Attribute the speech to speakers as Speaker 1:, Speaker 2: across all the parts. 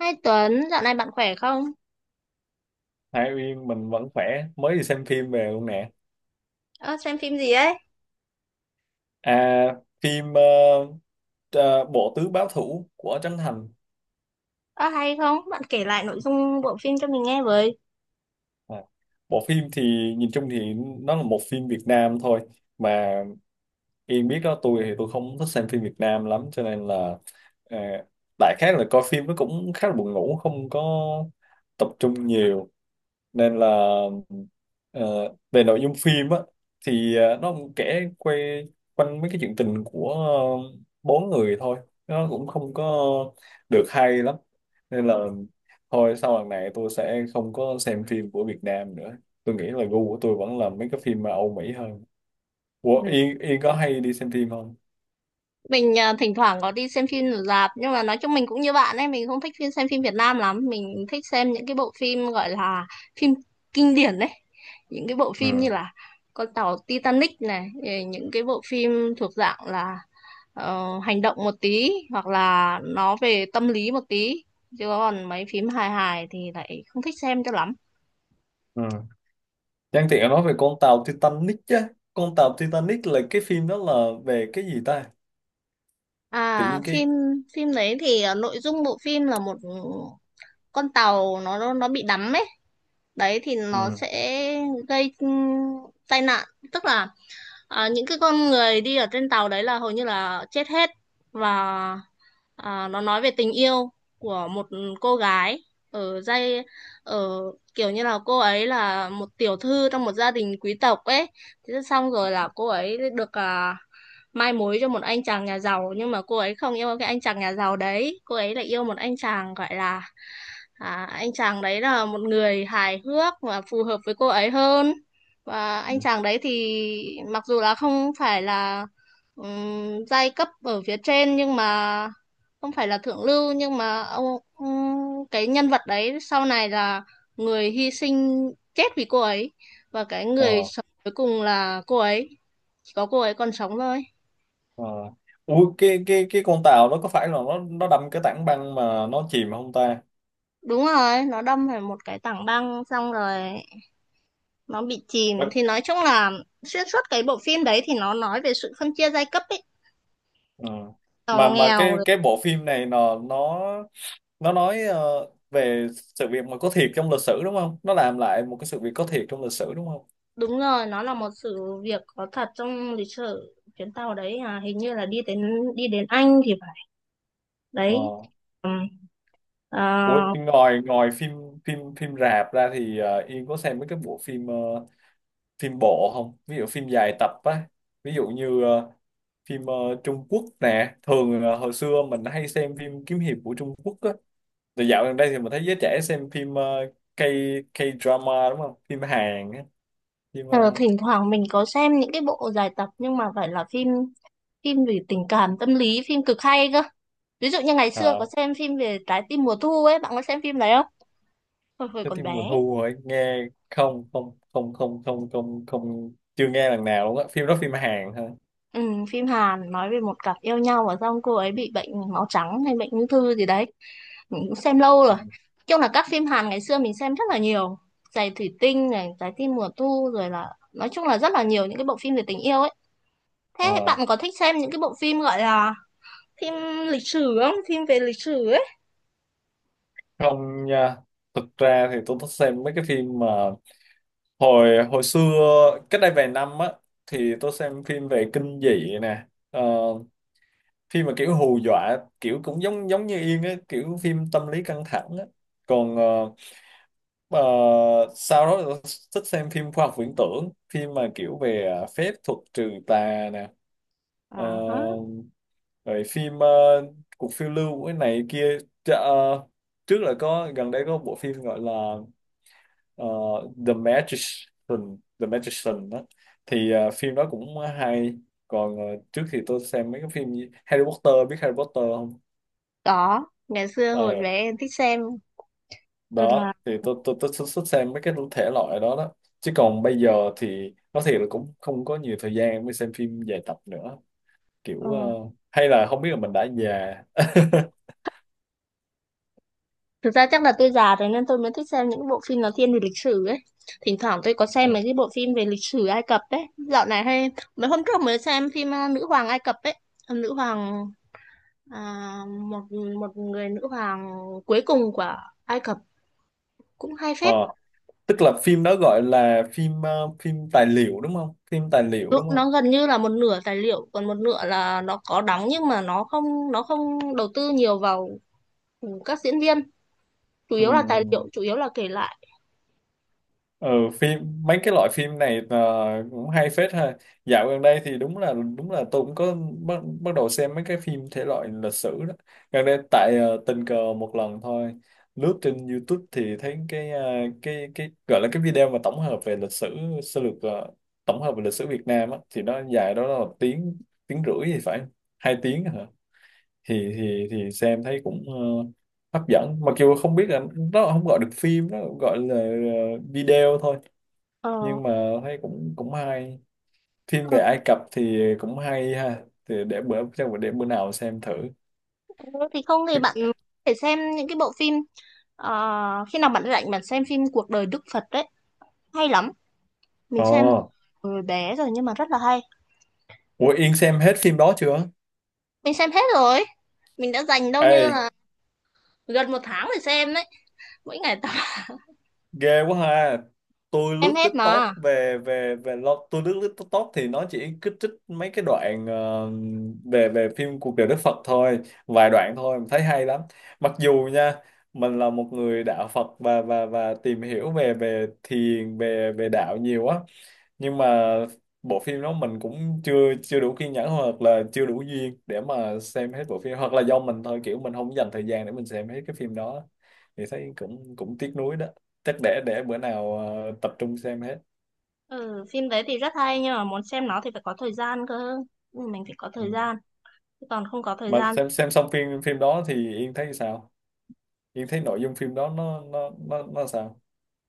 Speaker 1: Hai Tuấn, dạo này bạn khỏe không?
Speaker 2: Hai Uyên, mình vẫn khỏe, mới đi xem phim về luôn nè.
Speaker 1: Ơ, xem phim gì ấy?
Speaker 2: À, phim ờ, Bộ Tứ Báo Thủ của Trấn Thành.
Speaker 1: Ờ hay không? Bạn kể lại nội dung bộ phim cho mình nghe với.
Speaker 2: À, bộ phim thì nhìn chung thì nó là một phim Việt Nam thôi. Mà Yên biết đó, tôi thì tôi không thích xem phim Việt Nam lắm cho nên là ờ, đại khái là coi phim nó cũng khá là buồn ngủ, không có tập trung nhiều. Nên là, ờ, về nội dung phim á, thì nó cũng kể quay quanh mấy cái chuyện tình của bốn người thôi. Nó cũng không có được hay lắm nên là thôi, sau lần này tôi sẽ không có xem phim của Việt Nam nữa. Tôi nghĩ là gu của tôi vẫn là mấy cái phim mà Âu Mỹ hơn. Ủa,
Speaker 1: Ừ.
Speaker 2: Yên Yên có hay đi xem phim không?
Speaker 1: Mình thỉnh thoảng có đi xem phim ở rạp, nhưng mà nói chung mình cũng như bạn ấy, mình không thích xem phim Việt Nam lắm, mình thích xem những cái bộ phim gọi là phim kinh điển đấy. Những cái bộ
Speaker 2: Ừ,
Speaker 1: phim như là con tàu Titanic này, rồi những cái bộ phim thuộc dạng là hành động một tí hoặc là nó về tâm lý một tí. Chứ còn mấy phim hài hài thì lại không thích xem cho lắm.
Speaker 2: ừ. Nhân tiện nói về con tàu Titanic chứ, con tàu Titanic là cái phim đó là về cái gì ta? Tự
Speaker 1: À,
Speaker 2: nhiên cái.
Speaker 1: phim phim đấy thì nội dung bộ phim là một con tàu nó bị đắm ấy. Đấy thì nó
Speaker 2: Ừ.
Speaker 1: sẽ gây tai nạn, tức là những cái con người đi ở trên tàu đấy là hầu như là chết hết, và nó nói về tình yêu của một cô gái ở dây ở kiểu như là cô ấy là một tiểu thư trong một gia đình quý tộc ấy. Thế xong rồi là cô ấy được mai mối cho một anh chàng nhà giàu, nhưng mà cô ấy không yêu cái anh chàng nhà giàu đấy, cô ấy lại yêu một anh chàng gọi là anh chàng đấy là một người hài hước và phù hợp với cô ấy hơn. Và anh chàng đấy thì mặc dù là không phải là giai cấp ở phía trên, nhưng mà không phải là thượng lưu, nhưng mà ông cái nhân vật đấy sau này là người hy sinh chết vì cô ấy, và cái người
Speaker 2: Ờ.
Speaker 1: sống cuối cùng là cô ấy, chỉ có cô ấy còn sống thôi.
Speaker 2: Ờ. Ủa, cái con tàu nó có phải là nó đâm cái tảng băng mà nó chìm không ta?
Speaker 1: Đúng rồi, nó đâm phải một cái tảng băng, xong rồi nó bị chìm,
Speaker 2: Vâng.
Speaker 1: thì nói chung là xuyên suốt cái bộ phim đấy thì nó nói về sự phân chia giai cấp ấy,
Speaker 2: Ờ. Mà
Speaker 1: giàu
Speaker 2: mà
Speaker 1: nghèo
Speaker 2: cái
Speaker 1: rồi.
Speaker 2: cái bộ phim này nó nói về sự việc mà có thiệt trong lịch sử đúng không? Nó làm lại một cái sự việc có thiệt trong lịch sử đúng không?
Speaker 1: Đúng rồi, nó là một sự việc có thật trong lịch sử, chuyến tàu đấy à, hình như là đi đến Anh thì phải,
Speaker 2: Ờ.
Speaker 1: đấy. Ừm. Ờ,
Speaker 2: Ủa, ngoài ngoài phim phim phim rạp ra thì Yên có xem mấy cái bộ phim, phim bộ không? Ví dụ phim dài tập á, ví dụ như phim Trung Quốc nè, thường là hồi xưa mình hay xem phim kiếm hiệp của Trung Quốc á. Thì dạo gần đây thì mình thấy giới trẻ xem phim ờ, K K-drama đúng không? Phim Hàn á, phim
Speaker 1: Ờ, Thỉnh thoảng mình có xem những cái bộ dài tập, nhưng mà phải là phim phim về tình cảm tâm lý, phim cực hay cơ. Ví dụ như ngày xưa có
Speaker 2: uh,
Speaker 1: xem phim về trái tim mùa thu ấy, bạn có xem phim đấy không, hồi hồi
Speaker 2: cái
Speaker 1: còn
Speaker 2: phim
Speaker 1: bé?
Speaker 2: mùa thu rồi nghe. Không, không, không, không, không, không, không, chưa nghe lần nào luôn á. Phim đó phim Hàn hả?
Speaker 1: Ừ, phim Hàn nói về một cặp yêu nhau và xong cô ấy bị bệnh máu trắng hay bệnh ung thư gì đấy, mình cũng xem lâu rồi.
Speaker 2: Ừ.
Speaker 1: Nói chung là các phim Hàn ngày xưa mình xem rất là nhiều, giày thủy tinh này, trái tim mùa thu, rồi là nói chung là rất là nhiều những cái bộ phim về tình yêu ấy. Thế
Speaker 2: Ờ,
Speaker 1: bạn có thích xem những cái bộ phim gọi là phim lịch sử không, phim về lịch sử ấy?
Speaker 2: không nha. Thực ra thì tôi thích xem mấy cái phim mà hồi hồi xưa, cách đây vài năm á, thì tôi xem phim về kinh dị nè. Ờ, phim mà kiểu hù dọa, kiểu cũng giống giống như Yên á, kiểu phim tâm lý căng thẳng á. Còn Ờ, sau đó tôi thích xem phim khoa học viễn tưởng, phim mà kiểu về, à, phép thuật trừ tà nè. Ờ,
Speaker 1: À, hả?
Speaker 2: rồi phim cuộc phiêu lưu của cái này kia. Chà, trước là có, gần đây có bộ phim gọi là ờ, The Magician, The Magician đó, thì phim đó cũng hay. Còn trước thì tôi xem mấy cái phim như Harry Potter. Biết Harry Potter không?
Speaker 1: Có, ngày xưa
Speaker 2: Ờ,
Speaker 1: hồi bé em thích xem rồi là
Speaker 2: đó thì tôi xuất xuất xem mấy cái thể loại đó đó. Chứ còn bây giờ thì nói thiệt là cũng không có nhiều thời gian mới xem phim dài tập nữa,
Speaker 1: ờ,
Speaker 2: kiểu hay là không biết là mình đã già.
Speaker 1: thực ra chắc là tôi già rồi nên tôi mới thích xem những bộ phim nó thiên về lịch sử ấy. Thỉnh thoảng tôi có xem mấy
Speaker 2: Ừ.
Speaker 1: cái bộ phim về lịch sử Ai Cập ấy. Dạo này hay, mấy hôm trước mới xem phim Nữ hoàng Ai Cập ấy. Ờ, Nữ hoàng à, một một người nữ hoàng cuối cùng của Ai Cập, cũng hay
Speaker 2: Ờ,
Speaker 1: phết.
Speaker 2: tức là phim đó gọi là phim, phim tài liệu đúng không, phim tài liệu
Speaker 1: Nó
Speaker 2: đúng
Speaker 1: nó
Speaker 2: không?
Speaker 1: gần như là một nửa tài liệu, còn một nửa là nó có đóng, nhưng mà nó không đầu tư nhiều vào các diễn viên, chủ
Speaker 2: Ừ.
Speaker 1: yếu là tài liệu, chủ yếu là kể lại.
Speaker 2: Ừ, phim, mấy cái loại phim này cũng hay phết ha. Dạo gần đây thì đúng là, tôi cũng có bắt bắt đầu xem mấy cái phim thể loại lịch sử đó gần đây, tại tình cờ một lần thôi lướt trên YouTube thì thấy cái, cái gọi là cái video mà tổng hợp về lịch sử sơ lược, tổng hợp về lịch sử Việt Nam á, thì nó dài đó là 1 tiếng, tiếng rưỡi thì phải, 2 tiếng hả? Thì xem thấy cũng hấp dẫn, mặc dù không biết là nó không gọi được phim, nó gọi là video thôi,
Speaker 1: ờ,
Speaker 2: nhưng mà thấy cũng cũng hay. Phim
Speaker 1: ờ,
Speaker 2: về Ai Cập thì cũng hay ha, thì để bữa, chắc bữa để bữa nào xem thử.
Speaker 1: thì không thì bạn có thể xem những cái bộ phim ờ, khi nào bạn rảnh bạn xem phim cuộc đời Đức Phật đấy, hay lắm. Mình
Speaker 2: Ờ.
Speaker 1: xem từ hồi bé rồi nhưng mà rất là hay.
Speaker 2: Ủa Yên xem hết phim đó chưa?
Speaker 1: Mình xem hết rồi, mình đã dành đâu như
Speaker 2: Ê,
Speaker 1: là gần một tháng để xem đấy, mỗi ngày tập
Speaker 2: ghê quá ha. Tôi
Speaker 1: xem
Speaker 2: lướt
Speaker 1: hết
Speaker 2: TikTok
Speaker 1: mà.
Speaker 2: về về về lo- tôi lướt lướt TikTok thì nó chỉ kích thích mấy cái đoạn về về phim cuộc đời Đức Phật thôi, vài đoạn thôi mà thấy hay lắm. Mặc dù nha, mình là một người đạo Phật và và tìm hiểu về về thiền, về về đạo nhiều á, nhưng mà bộ phim đó mình cũng chưa chưa đủ kiên nhẫn hoặc là chưa đủ duyên để mà xem hết bộ phim, hoặc là do mình thôi, kiểu mình không dành thời gian để mình xem hết cái phim đó. Thì thấy cũng cũng tiếc nuối đó. Chắc để, bữa nào tập trung xem hết.
Speaker 1: Ừ, phim đấy thì rất hay nhưng mà muốn xem nó thì phải có thời gian cơ. Ừ, mình phải có
Speaker 2: Ừ.
Speaker 1: thời gian, chứ còn không có thời
Speaker 2: Mà
Speaker 1: gian.
Speaker 2: xem, xong phim, đó thì Yên thấy sao? Yên thấy nội dung phim đó nó sao?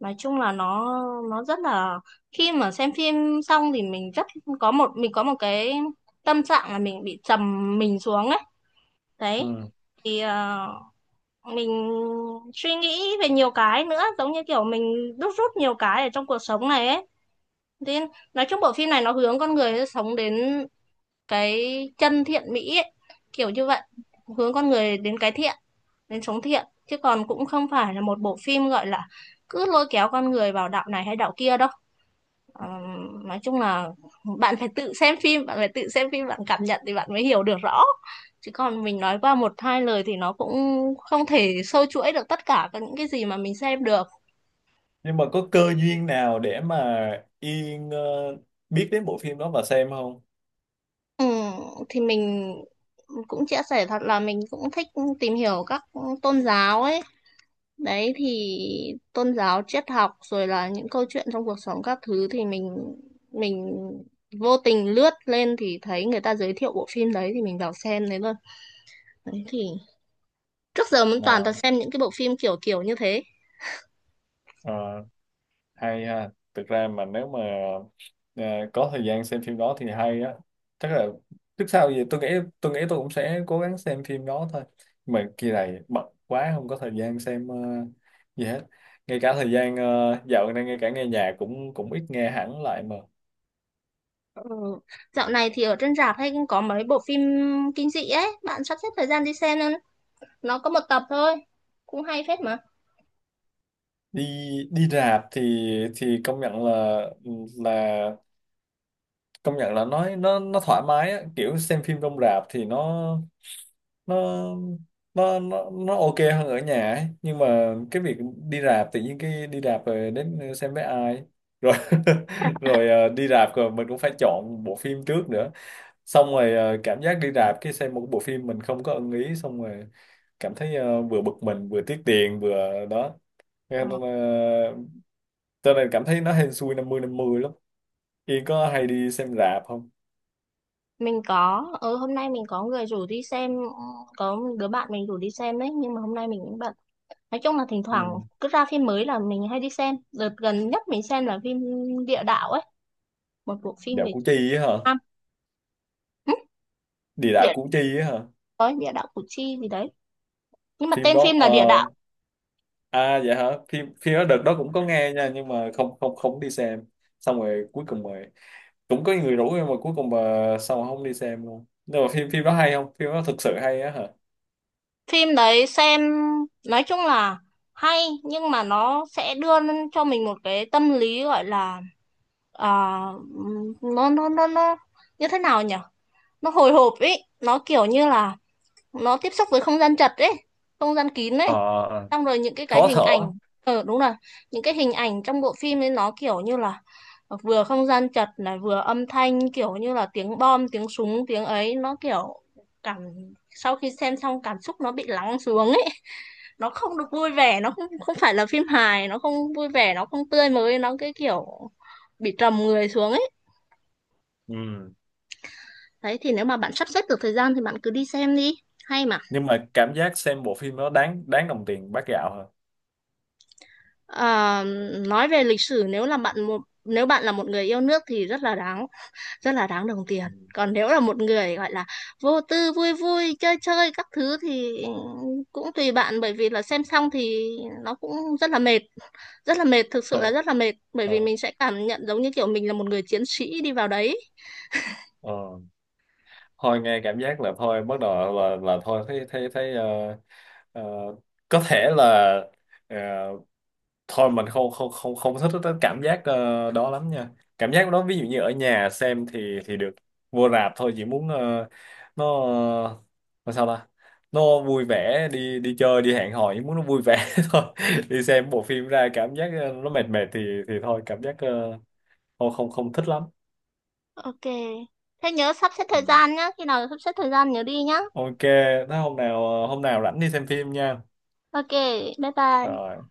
Speaker 1: Nói chung là nó rất là, khi mà xem phim xong thì mình rất có một cái tâm trạng là mình bị trầm mình xuống ấy,
Speaker 2: Ừ.
Speaker 1: đấy. Thì mình suy nghĩ về nhiều cái nữa, giống như kiểu mình đúc rút nhiều cái ở trong cuộc sống này ấy, nên nói chung bộ phim này nó hướng con người sống đến cái chân thiện mỹ ấy, kiểu như vậy, hướng con người đến cái thiện, đến sống thiện, chứ còn cũng không phải là một bộ phim gọi là cứ lôi kéo con người vào đạo này hay đạo kia đâu. Ờ, nói chung là bạn phải tự xem phim bạn cảm nhận thì bạn mới hiểu được rõ, chứ còn mình nói qua một hai lời thì nó cũng không thể sâu chuỗi được tất cả các những cái gì mà mình xem được.
Speaker 2: Nhưng mà có cơ duyên nào để mà Yên biết đến bộ phim đó và xem không?
Speaker 1: Ừ, thì mình cũng chia sẻ thật là mình cũng thích tìm hiểu các tôn giáo ấy, đấy thì tôn giáo, triết học, rồi là những câu chuyện trong cuộc sống các thứ, thì mình vô tình lướt lên thì thấy người ta giới thiệu bộ phim đấy, thì mình vào xem đấy luôn. Đấy thì trước giờ mình toàn toàn
Speaker 2: Ờ.
Speaker 1: xem những cái bộ phim kiểu kiểu như thế.
Speaker 2: Ờ. Hay ha, thực ra mà nếu mà ờ, có thời gian xem phim đó thì hay á. Chắc là, trước sau gì tôi nghĩ, tôi cũng sẽ cố gắng xem phim đó thôi, mà kỳ này bận quá không có thời gian xem gì hết. Ngay cả thời gian, dạo này ngay cả nghe nhạc cũng cũng ít nghe hẳn lại mà.
Speaker 1: Ừ. Dạo này thì ở trên rạp hay cũng có mấy bộ phim kinh dị ấy, bạn sắp xếp thời gian đi xem, nên nó có một tập thôi, cũng hay phết mà.
Speaker 2: Đi đi rạp thì công nhận là, là công nhận là, nói nó thoải mái á, kiểu xem phim trong rạp thì nó nó ok hơn ở nhà ấy. Nhưng mà cái việc đi rạp, tự nhiên cái đi rạp rồi đến xem với ai rồi, rồi đi rạp rồi mình cũng phải chọn bộ phim trước nữa, xong rồi cảm giác đi rạp cái xem một bộ phim mình không có ưng ý, xong rồi cảm thấy vừa bực mình vừa tiếc tiền vừa đó. Nên,
Speaker 1: Ờ.
Speaker 2: cho nên cảm thấy nó hên xui 50-50 lắm. Yên có hay đi xem rạp không?
Speaker 1: Mình có, ừ, hôm nay mình có người rủ đi xem, có một đứa bạn mình rủ đi xem đấy nhưng mà hôm nay mình cũng bận. Nói chung là thỉnh thoảng
Speaker 2: Ừ.
Speaker 1: cứ ra phim mới là mình hay đi xem. Đợt gần nhất mình xem là phim Địa Đạo ấy, một bộ phim
Speaker 2: Dạo
Speaker 1: về Việt
Speaker 2: Củ Chi á hả?
Speaker 1: Nam. Ừ,
Speaker 2: Địa đạo
Speaker 1: địa,
Speaker 2: Củ Chi á hả?
Speaker 1: có địa đạo Củ Chi gì đấy, nhưng mà
Speaker 2: Phim
Speaker 1: tên
Speaker 2: đó
Speaker 1: phim là Địa Đạo.
Speaker 2: à dạ hả? Phim phim đó đợt đó cũng có nghe nha, nhưng mà không không không đi xem. Xong rồi cuối cùng mà cũng có người rủ nhưng mà cuối cùng mà sao mà không đi xem luôn. Nhưng mà phim phim đó hay không? Phim đó thực sự hay á hả?
Speaker 1: Phim đấy xem nói chung là hay, nhưng mà nó sẽ đưa cho mình một cái tâm lý gọi là à, nó như thế nào nhỉ, nó hồi hộp ấy, nó kiểu như là nó tiếp xúc với không gian chật ấy, không gian kín ấy.
Speaker 2: Ờ,
Speaker 1: Xong rồi những cái
Speaker 2: khó
Speaker 1: hình ảnh,
Speaker 2: thở.
Speaker 1: ờ đúng rồi, những cái hình ảnh trong bộ phim ấy nó kiểu như là vừa không gian chật này, vừa âm thanh kiểu như là tiếng bom, tiếng súng, tiếng ấy, nó kiểu cảm sau khi xem xong cảm xúc nó bị lắng xuống ấy. Nó không được vui vẻ, nó không không phải là phim hài, nó không vui vẻ, nó không tươi mới, nó cái kiểu bị trầm người xuống ấy.
Speaker 2: Ừ.
Speaker 1: Đấy thì nếu mà bạn sắp xếp được thời gian thì bạn cứ đi xem đi, hay mà.
Speaker 2: Nhưng mà cảm giác xem bộ phim đó đáng, đồng tiền bát gạo hả?
Speaker 1: Ờ, nói về lịch sử, nếu bạn là một người yêu nước thì rất là đáng, rất là đáng đồng tiền.
Speaker 2: Ừ.
Speaker 1: Còn nếu là một người gọi là vô tư vui vui chơi chơi các thứ thì cũng tùy bạn, bởi vì là xem xong thì nó cũng rất là mệt, rất là mệt, thực
Speaker 2: Ờ,
Speaker 1: sự là rất là mệt, bởi vì
Speaker 2: ờ,
Speaker 1: mình sẽ cảm nhận giống như kiểu mình là một người chiến sĩ đi vào đấy.
Speaker 2: ờ. Thôi nghe cảm giác là thôi bắt đầu là, thôi, thấy thấy thấy ờ, có thể là ờ, thôi mình không không thích cái cảm giác đó lắm nha. Cảm giác đó ví dụ như ở nhà xem thì được, vô rạp thôi chỉ muốn nó nó sao ta, nó vui vẻ đi, chơi, đi hẹn hò, chỉ muốn nó vui vẻ thôi. Đi xem bộ phim ra cảm giác nó mệt, mệt thì thôi, cảm giác không không không thích lắm.
Speaker 1: Ok, thế nhớ sắp xếp
Speaker 2: Ừ.
Speaker 1: thời gian nhá, khi nào sắp xếp thời gian nhớ đi nhá.
Speaker 2: Ok. Thế hôm nào, hôm nào rảnh đi xem phim nha.
Speaker 1: Ok, bye bye.
Speaker 2: Rồi.